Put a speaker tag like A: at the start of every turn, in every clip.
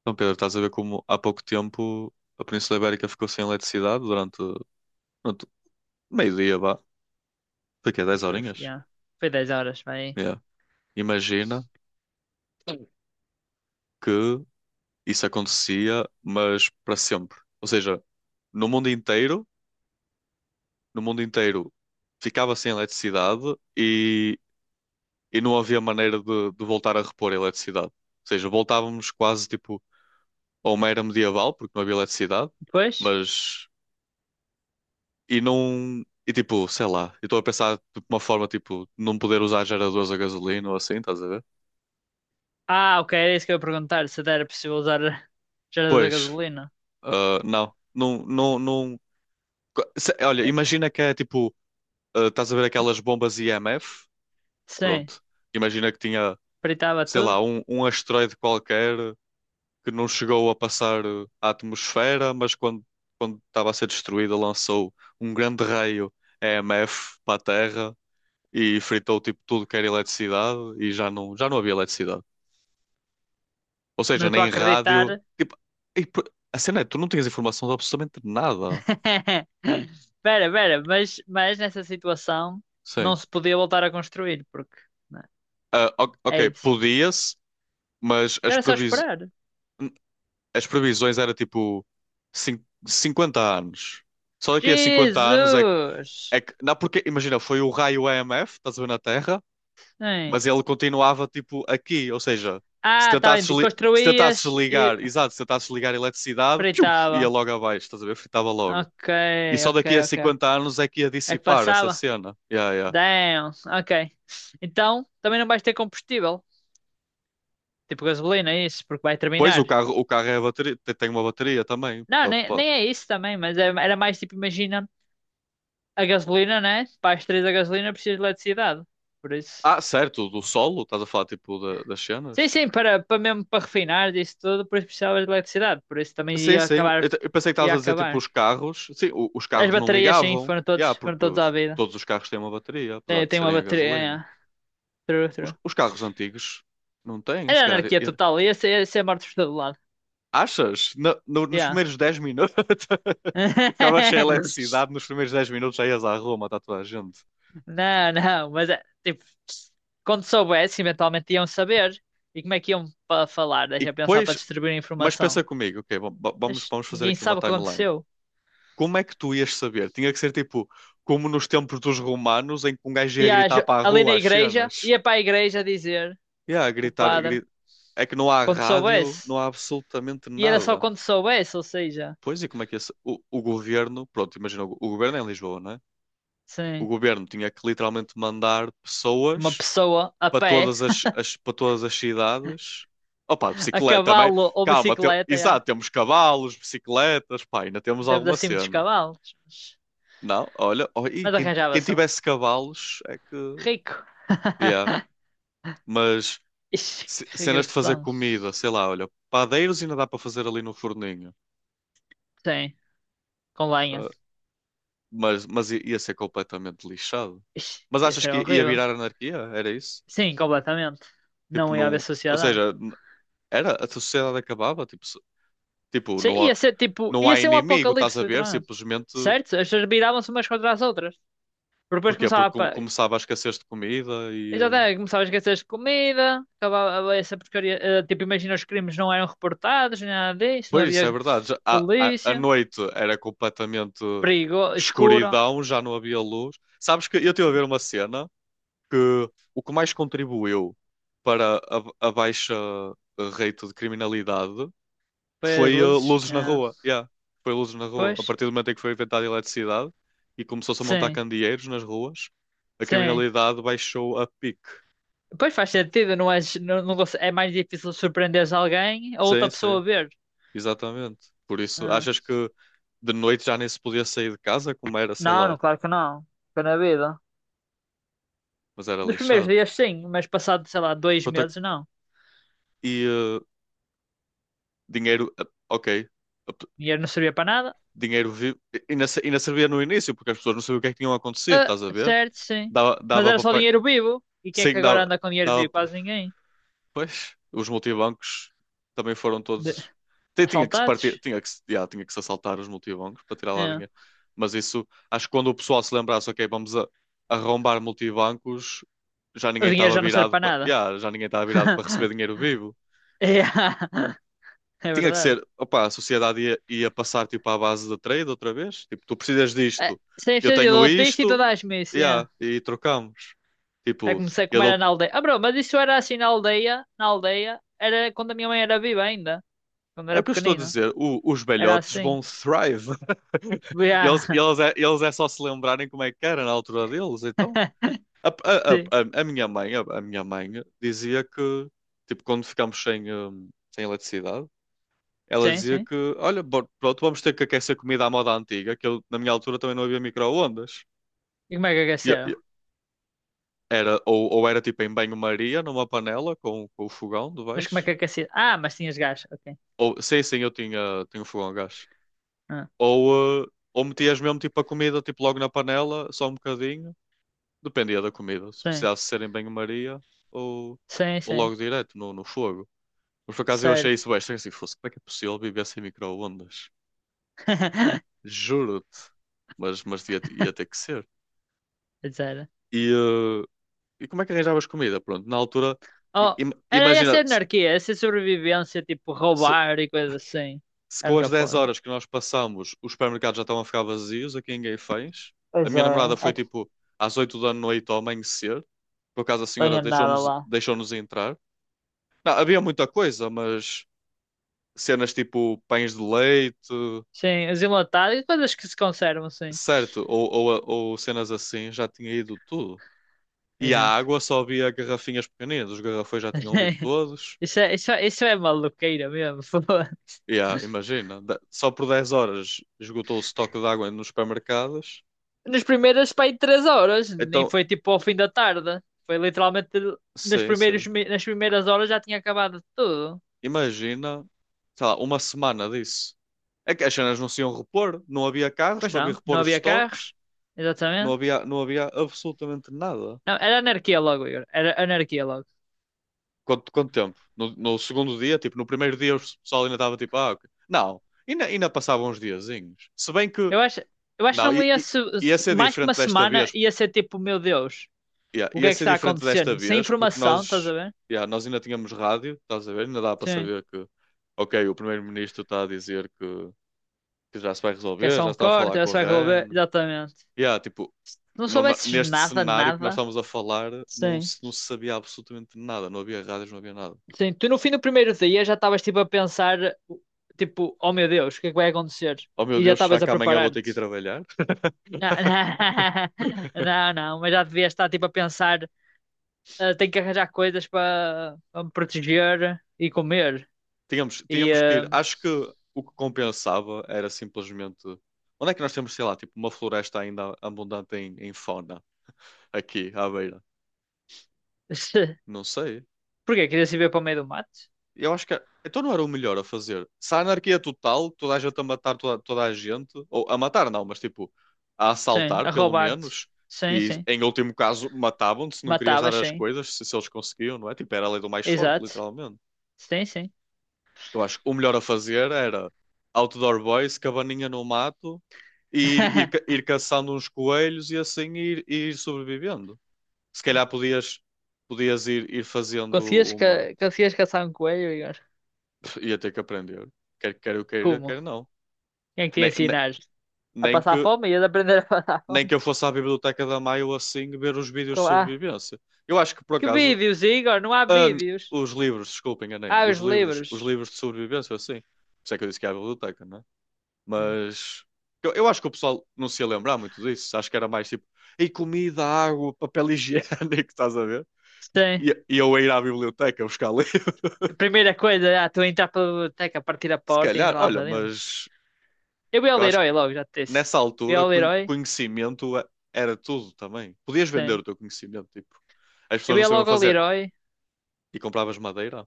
A: Então, Pedro, estás a ver como há pouco tempo a Península Ibérica ficou sem eletricidade durante meio-dia, vá. Foi quê?
B: Ai,
A: dez
B: Foi,
A: horinhas?
B: yeah. Foi 10 horas, vai aí.
A: Yeah. Imagina que isso acontecia, mas para sempre. Ou seja, no mundo inteiro, no mundo inteiro ficava sem eletricidade e, e não havia maneira de voltar a repor a eletricidade. Ou seja, voltávamos quase tipo a uma era medieval, porque não havia eletricidade,
B: Depois?
A: mas E não. E tipo, sei lá, eu estou a pensar de uma forma tipo, não poder usar geradores a gasolina ou assim, estás a ver?
B: Ah, ok, era isso que eu ia perguntar. Se era possível usar gerador da
A: Pois,
B: gasolina.
A: ah, não, não, não, não. Olha,
B: Eh,
A: imagina que é tipo, ah, estás a ver aquelas bombas IMF?
B: Sim,
A: Pronto. Imagina que tinha,
B: fritava
A: sei
B: tudo.
A: lá, um asteroide qualquer que não chegou a passar ah, a atmosfera, mas quando estava a ser destruída lançou um grande raio EMF para a Terra e fritou tipo tudo que era eletricidade e já não havia eletricidade. Ou
B: Não
A: seja,
B: estou a
A: nem rádio.
B: acreditar.
A: Tipo, e p- a cena é, tu não tinhas informação de absolutamente nada.
B: Pera, pera, mas nessa situação não
A: Sim.
B: se podia voltar a construir, porque né,
A: Ah,
B: é
A: ok,
B: isso.
A: podia-se, mas
B: Então era só esperar.
A: as previsões era tipo 50 anos. Só daqui a 50 anos é que.
B: Jesus!
A: É que... Não, porque, imagina, foi o raio EMF, estás a ver na Terra,
B: Sim.
A: mas ele continuava tipo aqui. Ou seja, se
B: Ah, tá
A: tentasses,
B: bem,
A: li... se tentasses
B: construías e
A: ligar, exato, se tentasses ligar a eletricidade, piu,
B: fritava.
A: ia logo abaixo, estás a ver? Fritava logo.
B: Ok,
A: E só
B: ok,
A: daqui a
B: ok, ok.
A: 50 anos é que ia
B: É que
A: dissipar essa
B: passava?
A: cena. Yeah, yeah.
B: Damn, ok. Então, também não vais ter combustível, tipo gasolina, é isso, porque vai
A: Pois o
B: terminar.
A: carro, o carro é a bateria, tem uma bateria também.
B: Não, nem, nem é isso também, mas era mais tipo, imagina, a gasolina, né? Para as três a gasolina precisas de eletricidade, por isso.
A: Ah, certo, do solo, estás a falar tipo das
B: Sim,
A: cenas?
B: sim, para mesmo para refinar isso tudo, por isso precisava de eletricidade, por isso também
A: Sim,
B: ia
A: sim. Eu,
B: acabar,
A: te- eu pensei que estavas
B: ia
A: a dizer tipo
B: acabar.
A: os carros. Sim, os
B: As
A: carros não
B: baterias, sim,
A: ligavam. Yeah,
B: foram
A: porque
B: todos à vida.
A: todos os carros têm uma bateria, apesar
B: Tem,
A: de
B: tem uma
A: serem a
B: bateria,
A: gasolina.
B: yeah. True,
A: Os,
B: true.
A: os carros antigos não têm,
B: Era
A: se calhar.
B: anarquia total, ia ser morto por todo lado,
A: Achas? Nos
B: yeah.
A: primeiros 10 minutos ficava cheia de eletricidade, nos primeiros 10 minutos já ias à Roma, está toda a gente.
B: Não, não, mas é, tipo, quando soubesse, eventualmente iam saber. E como é que iam para falar?
A: E
B: Deixa eu pensar para
A: depois,
B: distribuir a
A: Mas
B: informação.
A: pensa comigo, ok, va- va- vamos,
B: Mas
A: vamos fazer
B: ninguém
A: aqui uma
B: sabe o que
A: timeline.
B: aconteceu.
A: Como é que tu ias saber? Tinha que ser tipo, como nos tempos dos romanos, em que um gajo
B: E
A: ia gritar para a
B: ali na
A: rua as
B: igreja,
A: cenas.
B: ia para a igreja dizer,
A: Yeah,
B: o
A: gritar,
B: padre,
A: gri- É que não há
B: quando
A: rádio,
B: soubesse.
A: não há absolutamente
B: E era só
A: nada.
B: quando soubesse, ou seja,
A: Pois, e como é que o governo, pronto, imagina, o governo é em Lisboa, não é? O
B: sim,
A: governo tinha que literalmente mandar
B: uma
A: pessoas
B: pessoa a
A: para
B: pé,
A: todas para todas as cidades. Opa,
B: a
A: bicicleta também.
B: cavalo ou
A: Calma,
B: bicicleta, já,
A: exato, temos cavalos, bicicletas, pá, ainda temos
B: demos
A: alguma
B: assim muitos
A: cena.
B: cavalos. Mas
A: Não, olha, oh, e
B: mas
A: quem
B: arranjava-se um.
A: tivesse cavalos é que.
B: Rico.
A: Yeah. Mas
B: Ixi, que
A: cenas de fazer
B: regressão.
A: comida, sei lá, olha, padeiros ainda dá para fazer ali no forninho.
B: Sim, com lenha.
A: Ah, mas ia ser completamente lixado.
B: Ixi,
A: Mas
B: ia
A: achas
B: ser
A: que ia
B: horrível.
A: virar anarquia? Era isso?
B: Sim, completamente.
A: Tipo,
B: Não ia haver
A: não. Ou
B: sociedade.
A: seja, era, a sociedade acabava, tipo, tipo,
B: Sim,
A: não
B: ia
A: há,
B: ser tipo,
A: não
B: ia
A: há
B: ser um
A: inimigo, estás
B: apocalipse,
A: a ver?
B: literalmente.
A: Simplesmente.
B: Certo? As pessoas viravam-se umas contra as outras. Porque depois
A: Porquê?
B: começava
A: Porque
B: a.
A: começava a escassez de comida.
B: Exatamente, começava a esquecer de comida, acabava essa porcaria. Tipo, imagina, os crimes não eram reportados, nem nada disso, não
A: Pois isso é
B: havia
A: verdade. A
B: polícia,
A: noite era completamente
B: perigo, escuro.
A: escuridão, já não havia luz. Sabes que eu estive a ver uma cena que o que mais contribuiu para a baixa rate de criminalidade
B: Foi as
A: foi
B: luzes,
A: luzes na
B: é.
A: rua. Yeah, foi luzes na rua. A
B: Pois,
A: partir do momento em que foi inventada a eletricidade e começou-se a montar
B: sim,
A: candeeiros nas ruas, a
B: sim.
A: criminalidade baixou a pique.
B: Pois faz sentido, não é, não, não, é mais difícil surpreender alguém ou
A: Sim,
B: outra
A: sim,
B: pessoa ver.
A: exatamente. Por isso,
B: É.
A: achas que de noite já nem se podia sair de casa, como era, sei
B: Não,
A: lá.
B: não, claro que não. Foi na vida.
A: Mas era
B: Nos primeiros
A: lixado.
B: dias, sim, mas passado, sei lá, dois
A: Quanto a-
B: meses, não.
A: E dinheiro, ok. Ap-
B: Dinheiro não servia para nada.
A: Dinheiro vivo. Ainda servia no início, porque as pessoas não sabiam o que é que tinham acontecido,
B: Ah,
A: estás a ver?
B: certo, sim.
A: Dava,
B: Mas
A: dava
B: era
A: para
B: só
A: pagar.
B: dinheiro vivo. E quem é que
A: Sim,
B: agora
A: dava,
B: anda com dinheiro
A: dava.
B: vivo? Quase ninguém.
A: Pois, os multibancos também foram
B: De-
A: todos. Tinha que se partir,
B: Assaltados?
A: tinha que se, já, tinha que se assaltar os multibancos para tirar lá
B: É.
A: dinheiro. Mas isso, acho que quando o pessoal se lembrasse, ok, vamos arrombar multibancos, já
B: O
A: ninguém
B: dinheiro
A: estava
B: já não serve
A: virado
B: para
A: para,
B: nada.
A: já ninguém estava virado para receber dinheiro vivo.
B: É, é
A: Tinha que
B: verdade.
A: ser, opa a sociedade ia passar tipo à base de trade outra vez. Tipo, tu precisas
B: É,
A: disto,
B: sem
A: eu
B: ser eu
A: tenho
B: dou triste e tu
A: isto,
B: dás-me isso. É.
A: yeah, e trocamos.
B: É
A: Tipo,
B: como,
A: eu
B: como era
A: dou.
B: na aldeia. Ah, bro, mas isso era assim na aldeia. Na aldeia era quando a minha mãe era viva ainda. Quando
A: É o
B: era
A: que eu estou a
B: pequenina.
A: dizer, os
B: Era
A: velhotes
B: assim.
A: vão thrive.
B: Yeah.
A: Eles é só se lembrarem como é que era na altura deles, então. A, a, a,
B: Sim,
A: a minha mãe dizia que, tipo, quando ficámos sem, sem eletricidade, ela
B: sim,
A: dizia
B: sim.
A: que, olha, pronto, vamos ter que aquecer comida à moda antiga, que eu, na minha altura também não havia micro-ondas.
B: E como é que
A: E-
B: aqueceram?
A: e- Era, ou era tipo em banho-maria, numa panela com o fogão de
B: Mas como é
A: baixo.
B: que aqueceram? Ah, mas tinhas gás, ok.
A: Ou, sim, sim, eu tinha um fogão a gás.
B: Ah,
A: Ou, eh, ou metias mesmo tipo a comida tipo, logo na panela, só um bocadinho. Dependia da comida. Se
B: sim,
A: precisasse ser em banho-maria ou,
B: sim,
A: ou
B: sim.
A: logo direto no fogo. Mas por acaso eu achei isso
B: Certo.
A: bem estranho. Assim, fosse, como é que é possível viver sem micro-ondas? Juro-te. Mas ia ter que ser.
B: Pois era.
A: E, eh, e como é que arranjavas comida? Pronto, na altura,
B: Oh, era
A: imagina.
B: essa anarquia, essa sobrevivência, tipo
A: se,
B: roubar e coisas assim.
A: se
B: É a
A: com
B: única
A: as 10
B: forma.
A: horas que nós passamos os supermercados já estão a ficar vazios aqui ninguém fez. A
B: Pois
A: minha namorada
B: é,
A: foi
B: é que
A: tipo às 8 da noite ao amanhecer, por acaso a
B: não
A: senhora
B: tenha nada lá.
A: deixou-nos entrar. Não, havia muita coisa, mas cenas tipo pães de leite,
B: Sim, os enlatados e coisas que se conservam, sim.
A: certo, ou cenas assim, já tinha ido tudo. E
B: Pois
A: a
B: é.
A: água só havia garrafinhas pequeninas, os garrafões já tinham ido todos.
B: Isso é, isso é, isso é maluqueira mesmo. Foda.
A: E yeah, imagina, só por 10 horas esgotou o estoque de água nos supermercados.
B: Nas primeiras, pá, aí três horas. Nem
A: Então,
B: foi tipo ao fim da tarde. Foi literalmente
A: sim, sim.
B: nas primeiras horas já tinha acabado tudo.
A: Imagina, sei lá, uma semana disso. É que as cenas não se iam repor, não havia carros
B: Pois
A: para vir
B: não, não
A: repor os
B: havia
A: estoques,
B: carros.
A: não
B: Exatamente.
A: havia, não havia absolutamente nada.
B: Não, era anarquia logo, Igor. Era anarquia logo.
A: Quanto tempo? No segundo dia, tipo, no primeiro dia o pessoal ainda estava tipo, ah, ok. Não, ainda passavam uns diazinhos. Se bem que,
B: Eu acho, eu acho que
A: não,
B: não ia se,
A: ia ser
B: mais que uma
A: diferente desta
B: semana
A: vez,
B: ia ser tipo, meu Deus,
A: ia,
B: o que
A: ia
B: é que
A: ser
B: está
A: diferente desta
B: acontecendo? Sem
A: vez, porque
B: informação, estás
A: nós,
B: a ver?
A: ia, nós ainda tínhamos rádio, estás a ver? Ainda dá para
B: Sim.
A: saber que, ok, o primeiro-ministro está a dizer que já se vai
B: Que é
A: resolver, já
B: só
A: se
B: um
A: está a
B: corte,
A: falar
B: já
A: com
B: se
A: a
B: vai resolver.
A: RAN.
B: Exatamente.
A: E há, tipo,
B: Se não soubesses
A: neste
B: nada,
A: cenário que nós
B: nada.
A: estamos a falar,
B: Sim.
A: não se sabia absolutamente nada, não havia rádios, não havia nada.
B: Sim, tu no fim do primeiro dia já estavas tipo a pensar, tipo, oh meu Deus, o que é que vai acontecer?
A: Oh meu
B: E já
A: Deus, será
B: estavas a
A: que amanhã vou ter que ir
B: preparar-te.
A: trabalhar?
B: Não, não, não, mas já devias estar tipo a pensar, "Ah, tenho que arranjar coisas para me proteger e comer.
A: Tínhamos,
B: E
A: tínhamos que ir. Acho que o que compensava era simplesmente. Onde é que nós temos, sei lá, tipo, uma floresta ainda abundante em fauna aqui à beira? Não sei.
B: porquê? Querias ir ver para o meio do mato?
A: Eu acho que é, então não era o melhor a fazer. Se a anarquia total, toda a gente a matar toda a gente, ou a matar não, mas tipo a
B: Sim,
A: assaltar
B: a
A: pelo
B: roubar-te.
A: menos,
B: Sim,
A: e
B: sim.
A: em último caso matavam-te se não querias dar
B: Matavas,
A: as
B: sim.
A: coisas, se eles conseguiam, não é? Tipo, era a lei do mais forte,
B: Exato.
A: literalmente.
B: Sim, sim.
A: Eu acho que o melhor a fazer era outdoor boys, cabaninha no mato, e ir, ir, ca- ir caçando uns coelhos e assim ir sobrevivendo. Se calhar podias ir fazendo
B: Conseguias, ca
A: uma.
B: conseguias caçar um coelho, Igor?
A: Ia ter que aprender. Quer eu queira, quer
B: Como?
A: não.
B: Quem é que te ia
A: Nem, nem,
B: ensinar? A
A: nem
B: passar
A: que,
B: fome e a aprender a passar
A: nem
B: fome.
A: que eu fosse à biblioteca da Maio assim ver os vídeos de
B: Ah,
A: sobrevivência. Eu acho que por
B: que
A: acaso.
B: vídeos, Igor? Não há
A: ah,
B: vídeos.
A: os livros, desculpem, enganei-me.
B: Há
A: Os
B: os
A: livros,
B: livros.
A: os livros de sobrevivência, assim. Por isso é que eu disse que é a biblioteca, né?
B: Hum.
A: Mas. Eu acho que o pessoal não se ia lembrar muito disso. Acho que era mais tipo. E comida, água, papel higiênico, estás a ver?
B: Sim.
A: E eu a ir à biblioteca buscar livro.
B: A primeira coisa, tu entrar pela biblioteca, partir a
A: Se
B: porta e
A: calhar,
B: entrar lá
A: olha,
B: para dentro.
A: mas.
B: Eu ia ao
A: Eu acho
B: Leroy logo, já te disse.
A: nessa
B: Eu ia
A: altura,
B: ao Leroy?
A: conhecimento era tudo também. Podias vender
B: Sim.
A: o teu conhecimento, tipo, as pessoas
B: Eu
A: não
B: ia
A: sabiam
B: logo ao
A: fazer.
B: Leroy?
A: E compravas madeira?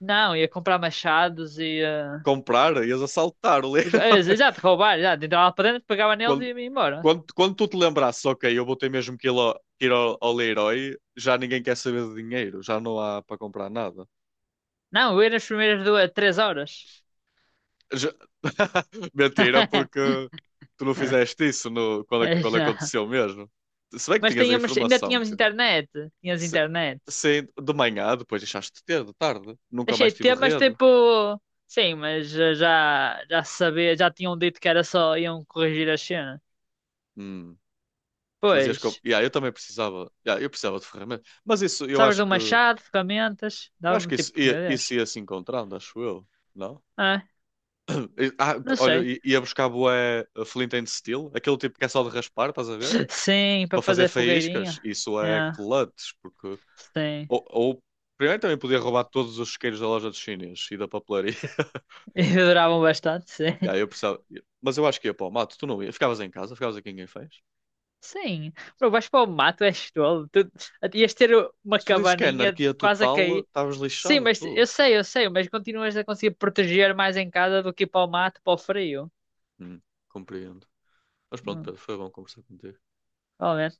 B: Não, ia comprar machados e...
A: Comprar, ias assaltar o Leroy.
B: é, exato, roubar, exato. Entrava lá para dentro, pegava neles e
A: Quando,
B: ia embora.
A: quando tu te lembrasses, ok, eu vou ter mesmo que ir ao Leroy, já ninguém quer saber de dinheiro, já não há para comprar nada.
B: Não, eu ia nas primeiras duas, três horas.
A: Já- Mentira, porque tu não fizeste isso quando, é,
B: Mas
A: quando
B: não.
A: aconteceu mesmo. Se bem que
B: Mas
A: tinhas a
B: tínhamos, ainda
A: informação
B: tínhamos
A: que
B: internet. Tínhamos
A: Se,
B: internet.
A: se de manhã, depois deixaste de ter, de tarde. Nunca
B: Deixei
A: mais
B: de
A: tive
B: ter, mas
A: rede.
B: tipo. Sim, mas já se sabia, já tinham dito que era só iam corrigir a cena.
A: Hum, mas ias com...
B: Pois,
A: yeah, eu também precisava. Yeah, eu precisava de ferramentas. Mas isso, eu
B: sabes
A: acho
B: do
A: que. Eu
B: machado, ferramentas,
A: acho
B: dá-me
A: que isso
B: tipo,
A: ia,
B: meu
A: isso
B: Deus.
A: ia se encontrando, acho eu. Não?
B: Ah,
A: Ah,
B: não
A: olha,
B: sei.
A: ia buscar bué Flint and Steel, aquele tipo que é só de raspar, estás a ver?
B: Sim, para
A: Para fazer
B: fazer
A: faíscas,
B: fogueirinha.
A: isso
B: É,
A: é clutch, porque.
B: sim.
A: Ou, ou- primeiro também podia roubar todos os isqueiros da loja dos chineses e da papelaria.
B: E duravam bastante, sim.
A: Yeah, eu precisava... Mas eu acho que ia para o mato, tu não ia. Ficavas em casa, ficavas aqui em Guinfãs.
B: Sim. Bro, vais para o mato, és tolo. Tu ias ter uma
A: Se tu dizes que é
B: cabaninha
A: anarquia
B: quase a
A: total,
B: cair.
A: estavas
B: Sim,
A: lixado,
B: mas
A: tu.
B: eu sei, mas continuas a conseguir proteger mais em casa do que ir para o mato, para o frio.
A: Hum, compreendo. Mas pronto,
B: Hum.
A: Pedro, foi bom conversar contigo.
B: Ó, né?